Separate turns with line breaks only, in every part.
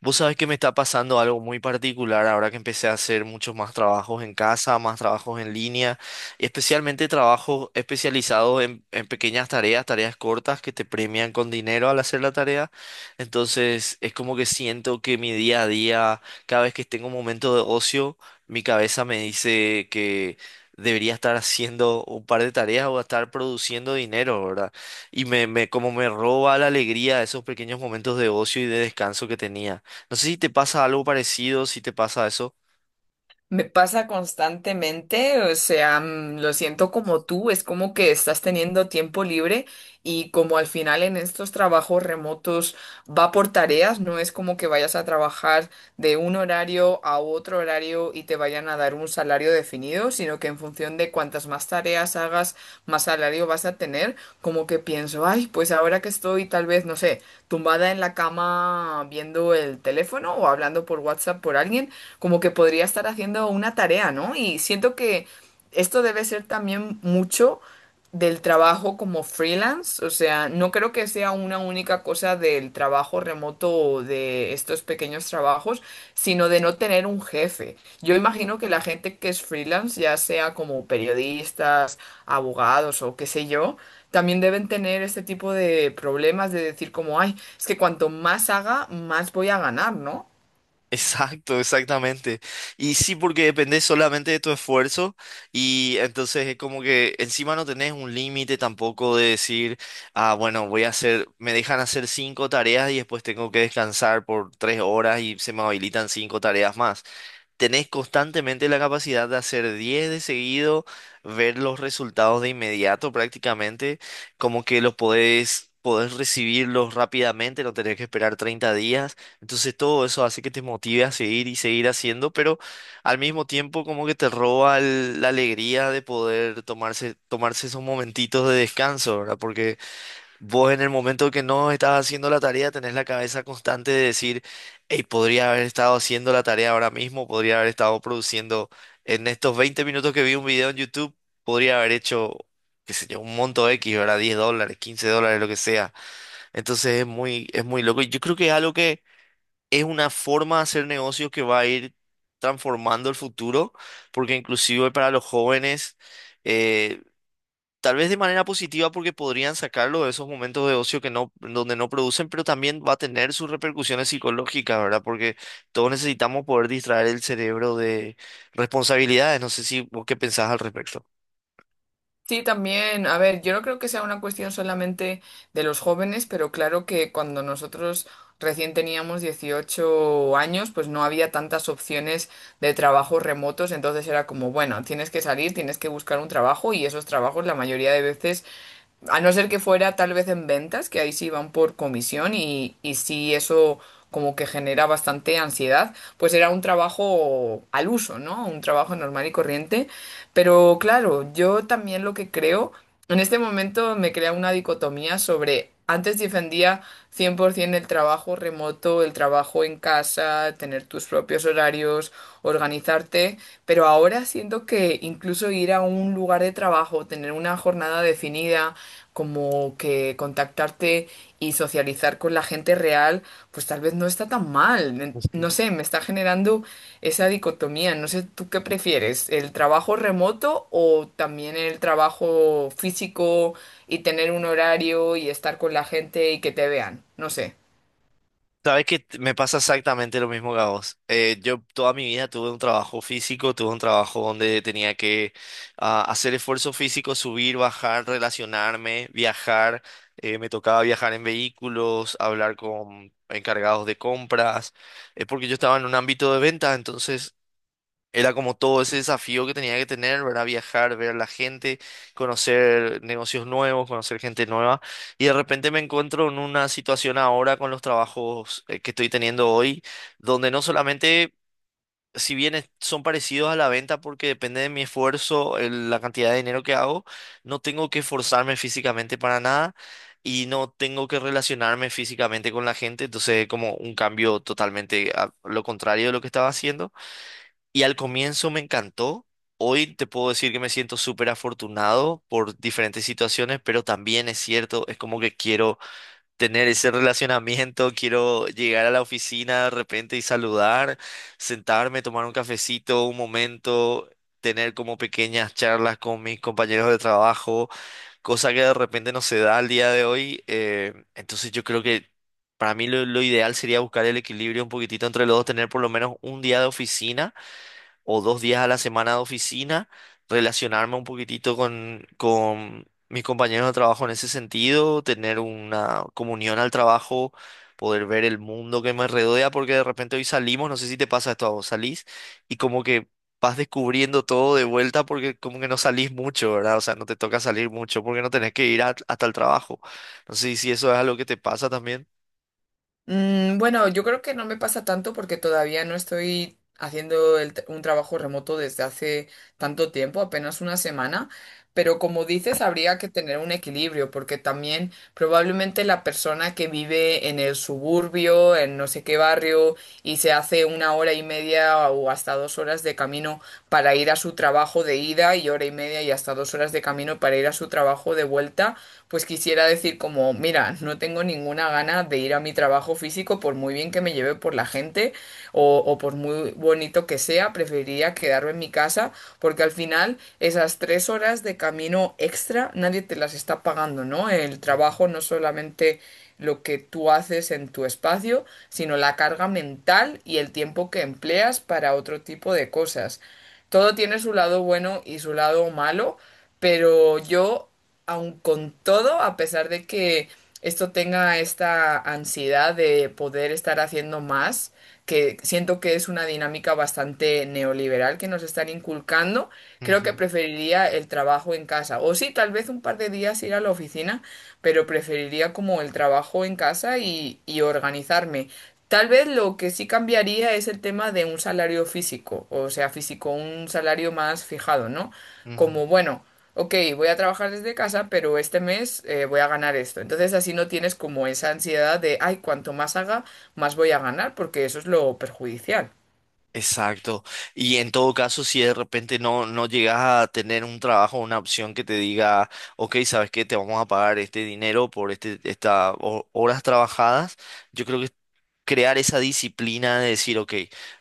Vos sabés que me está pasando algo muy particular ahora que empecé a hacer muchos más trabajos en casa, más trabajos en línea, y especialmente trabajos especializados en pequeñas tareas, tareas cortas que te premian con dinero al hacer la tarea. Entonces es como que siento que mi día a día, cada vez que tengo un momento de ocio, mi cabeza me dice que debería estar haciendo un par de tareas o estar produciendo dinero, ¿verdad? Y como me roba la alegría de esos pequeños momentos de ocio y de descanso que tenía. No sé si te pasa algo parecido, si te pasa eso.
Me pasa constantemente, o sea, lo siento como tú, es como que estás teniendo tiempo libre, y como al final en estos trabajos remotos va por tareas, no es como que vayas a trabajar de un horario a otro horario y te vayan a dar un salario definido, sino que en función de cuantas más tareas hagas, más salario vas a tener, como que pienso, ay, pues ahora que estoy tal vez, no sé, tumbada en la cama viendo el teléfono o hablando por WhatsApp por alguien, como que podría estar haciendo una tarea, ¿no? Y siento que esto debe ser también mucho del trabajo como freelance, o sea, no creo que sea una única cosa del trabajo remoto o de estos pequeños trabajos, sino de no tener un jefe. Yo imagino que la gente que es freelance, ya sea como periodistas, abogados o qué sé yo, también deben tener este tipo de problemas de decir como, ay, es que cuanto más haga, más voy a ganar, ¿no?
Exacto, exactamente. Y sí, porque depende solamente de tu esfuerzo y entonces es como que encima no tenés un límite tampoco de decir, ah, bueno, voy a hacer, me dejan hacer cinco tareas y después tengo que descansar por 3 horas y se me habilitan cinco tareas más. Tenés constantemente la capacidad de hacer 10 de seguido, ver los resultados de inmediato prácticamente, como que los podés recibirlos rápidamente, no tenés que esperar 30 días. Entonces todo eso hace que te motive a seguir y seguir haciendo, pero al mismo tiempo como que te roba la alegría de poder tomarse esos momentitos de descanso, ¿verdad? Porque vos en el momento que no estás haciendo la tarea tenés la cabeza constante de decir, hey, podría haber estado haciendo la tarea ahora mismo, podría haber estado produciendo en estos 20 minutos que vi un video en YouTube, podría haber hecho, qué sé yo, un monto X, ¿verdad? $10, $15, lo que sea. Entonces es muy loco. Y yo creo que es algo que es una forma de hacer negocios que va a ir transformando el futuro, porque inclusive para los jóvenes... eh, tal vez de manera positiva porque podrían sacarlo de esos momentos de ocio que no, donde no producen, pero también va a tener sus repercusiones psicológicas, ¿verdad? Porque todos necesitamos poder distraer el cerebro de responsabilidades. No sé si vos qué pensás al respecto.
Sí, también. A ver, yo no creo que sea una cuestión solamente de los jóvenes, pero claro que cuando nosotros recién teníamos 18 años, pues no había tantas opciones de trabajos remotos, entonces era como, bueno, tienes que salir, tienes que buscar un trabajo y esos trabajos la mayoría de veces... A no ser que fuera tal vez en ventas, que ahí sí van por comisión y sí eso como que genera bastante ansiedad, pues era un trabajo al uso, ¿no? Un trabajo normal y corriente. Pero claro, yo también lo que creo, en este momento me crea una dicotomía sobre antes defendía 100% el trabajo remoto, el trabajo en casa, tener tus propios horarios, organizarte, pero ahora siento que incluso ir a un lugar de trabajo, tener una jornada definida, como que contactarte y socializar con la gente real, pues tal vez no está tan mal. No sé, me está generando esa dicotomía. No sé, ¿tú qué prefieres? ¿El trabajo remoto o también el trabajo físico y tener un horario y estar con la gente y que te vean? No sé.
Sabes que me pasa exactamente lo mismo que a vos. Yo toda mi vida tuve un trabajo físico, tuve un trabajo donde tenía que hacer esfuerzo físico, subir, bajar, relacionarme, viajar. Me tocaba viajar en vehículos, hablar con encargados de compras, porque yo estaba en un ámbito de venta, entonces era como todo ese desafío que tenía que tener, ¿verdad? Viajar, ver a la gente, conocer negocios nuevos, conocer gente nueva. Y de repente me encuentro en una situación ahora con los trabajos que estoy teniendo hoy, donde no solamente, si bien son parecidos a la venta porque depende de mi esfuerzo, la cantidad de dinero que hago, no tengo que esforzarme físicamente para nada y no tengo que relacionarme físicamente con la gente. Entonces, es como un cambio totalmente a lo contrario de lo que estaba haciendo. Y al comienzo me encantó. Hoy te puedo decir que me siento súper afortunado por diferentes situaciones, pero también es cierto, es como que quiero tener ese relacionamiento, quiero llegar a la oficina de repente y saludar, sentarme, tomar un cafecito, un momento, tener como pequeñas charlas con mis compañeros de trabajo, cosa que de repente no se da al día de hoy. Yo creo que para mí lo ideal sería buscar el equilibrio un poquitito entre los dos, tener por lo menos un día de oficina o dos días a la semana de oficina, relacionarme un poquitito con mis compañeros de trabajo en ese sentido, tener una comunión al trabajo, poder ver el mundo que me rodea, porque de repente hoy salimos, no sé si te pasa esto a vos, salís y como que vas descubriendo todo de vuelta porque como que no salís mucho, ¿verdad? O sea, no te toca salir mucho porque no tenés que ir hasta el trabajo. No sé si eso es algo que te pasa también.
Mm, bueno, yo creo que no me pasa tanto porque todavía no estoy haciendo un trabajo remoto desde hace tanto tiempo, apenas una semana. Pero como dices, habría que tener un equilibrio, porque también probablemente la persona que vive en el suburbio, en no sé qué barrio, y se hace una hora y media o hasta 2 horas de camino para ir a su trabajo de ida y hora y media y hasta 2 horas de camino para ir a su trabajo de vuelta, pues quisiera decir como, mira, no tengo ninguna gana de ir a mi trabajo físico por muy bien que me lleve por la gente o por muy bonito que sea, preferiría quedarme en mi casa porque al final esas 3 horas de camino extra nadie te las está pagando, ¿no? El
Ujú,
trabajo no solamente lo que tú haces en tu espacio, sino la carga mental y el tiempo que empleas para otro tipo de cosas. Todo tiene su lado bueno y su lado malo, pero yo, aun con todo, a pesar de que esto tenga esta ansiedad de poder estar haciendo más, que siento que es una dinámica bastante neoliberal que nos están inculcando, creo que
ujú,
preferiría el trabajo en casa. O sí, tal vez un par de días ir a la oficina, pero preferiría como el trabajo en casa y organizarme. Tal vez lo que sí cambiaría es el tema de un salario físico, o sea, físico, un salario más fijado, ¿no?
ujú.
Como, bueno, ok, voy a trabajar desde casa, pero este mes voy a ganar esto. Entonces así no tienes como esa ansiedad de, ay, cuanto más haga, más voy a ganar, porque eso es lo perjudicial.
Exacto. Y en todo caso, si de repente no llegas a tener un trabajo, una opción que te diga, ok, ¿sabes qué? Te vamos a pagar este dinero por estas horas trabajadas. Yo creo que crear esa disciplina de decir, ok,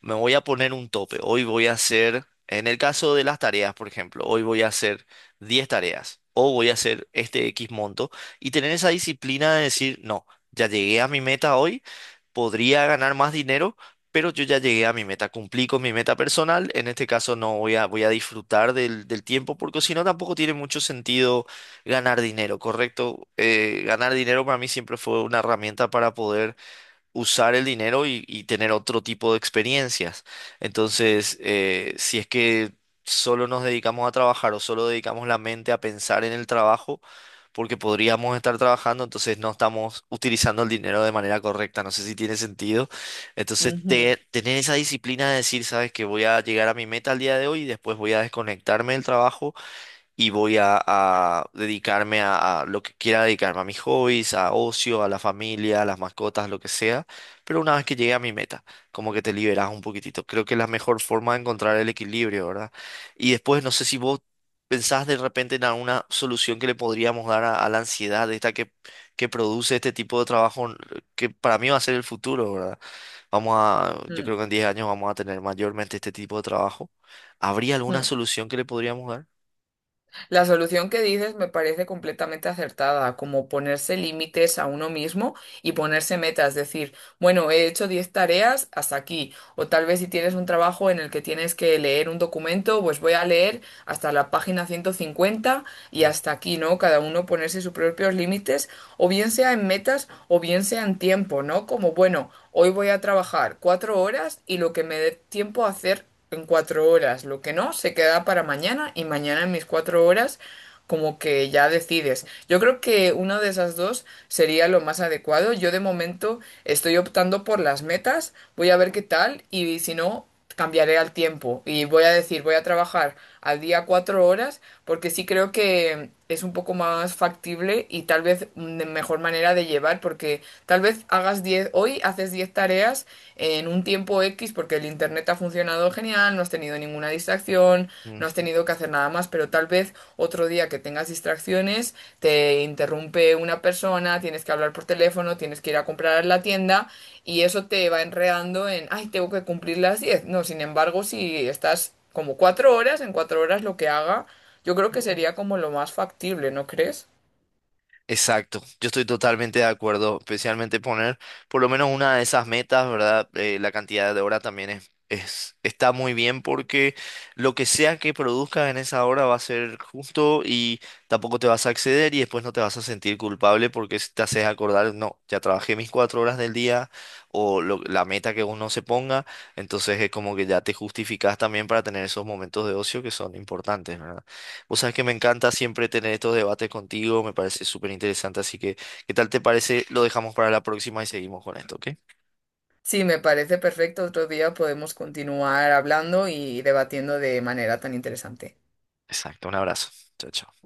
me voy a poner un tope, hoy voy a hacer, en el caso de las tareas, por ejemplo, hoy voy a hacer 10 tareas o voy a hacer este X monto y tener esa disciplina de decir, no, ya llegué a mi meta hoy, podría ganar más dinero. Pero yo ya llegué a mi meta, cumplí con mi meta personal. En este caso no voy a, voy a disfrutar del tiempo porque si no tampoco tiene mucho sentido ganar dinero, ¿correcto? Ganar dinero para mí siempre fue una herramienta para poder usar el dinero y tener otro tipo de experiencias. Entonces, si es que solo nos dedicamos a trabajar o solo dedicamos la mente a pensar en el trabajo, porque podríamos estar trabajando, entonces no estamos utilizando el dinero de manera correcta. No sé si tiene sentido. Entonces,
Ujú.
tener esa disciplina de decir, sabes que voy a llegar a mi meta al día de hoy y después voy a desconectarme del trabajo y voy a dedicarme a lo que quiera dedicarme, a mis hobbies, a ocio, a la familia, a las mascotas, lo que sea, pero una vez que llegue a mi meta, como que te liberas un poquitito. Creo que es la mejor forma de encontrar el equilibrio, ¿verdad? Y después, no sé si vos pensás de repente en alguna solución que le podríamos dar a la ansiedad esta que produce este tipo de trabajo, que para mí va a ser el futuro, ¿verdad? Yo
Mm,
creo que en 10 años vamos a tener mayormente este tipo de trabajo. ¿Habría alguna
mm.
solución que le podríamos
La solución que dices me parece completamente acertada, como ponerse límites a uno mismo y ponerse metas, decir, bueno, he hecho 10 tareas hasta aquí, o tal vez si tienes un trabajo en el que tienes que leer un documento, pues voy a leer hasta la página 150 y hasta aquí, ¿no? Cada uno ponerse sus propios límites, o bien sea en metas o bien sea en tiempo, ¿no? Como, bueno, hoy voy a trabajar 4 horas y lo que me dé tiempo a hacer en 4 horas, lo que no, se queda para mañana y mañana en mis 4 horas como que ya decides. Yo creo que una de esas dos sería lo más adecuado. Yo de momento estoy optando por las metas, voy a ver qué tal y si no, cambiaré al tiempo y voy a decir, voy a trabajar al día 4 horas porque sí creo que es un poco más factible y tal vez una mejor manera de llevar porque tal vez hagas diez, hoy haces 10 tareas en un tiempo X porque el internet ha funcionado genial, no has tenido ninguna distracción, no has
dar?
tenido que hacer nada más, pero tal vez otro día que tengas distracciones te interrumpe una persona, tienes que hablar por teléfono, tienes que ir a comprar a la tienda y eso te va enredando en, ay, tengo que cumplir las 10. No, sin embargo, si estás como 4 horas, en 4 horas lo que haga, yo creo que sería como lo más factible, ¿no crees?
Exacto, yo estoy totalmente de acuerdo, especialmente poner por lo menos una de esas metas, ¿verdad? La cantidad de horas también está muy bien porque lo que sea que produzcas en esa hora va a ser justo y tampoco te vas a exceder y después no te vas a sentir culpable porque si te haces acordar, no, ya trabajé mis 4 horas del día o la meta que uno se ponga, entonces es como que ya te justificas también para tener esos momentos de ocio que son importantes, verdad. Vos sabés que me encanta siempre tener estos debates contigo, me parece súper interesante, así que, ¿qué tal te parece? Lo dejamos para la próxima y seguimos con esto, ¿ok?
Sí, me parece perfecto. Otro día podemos continuar hablando y debatiendo de manera tan interesante.
Exacto, un abrazo. Chao, chao.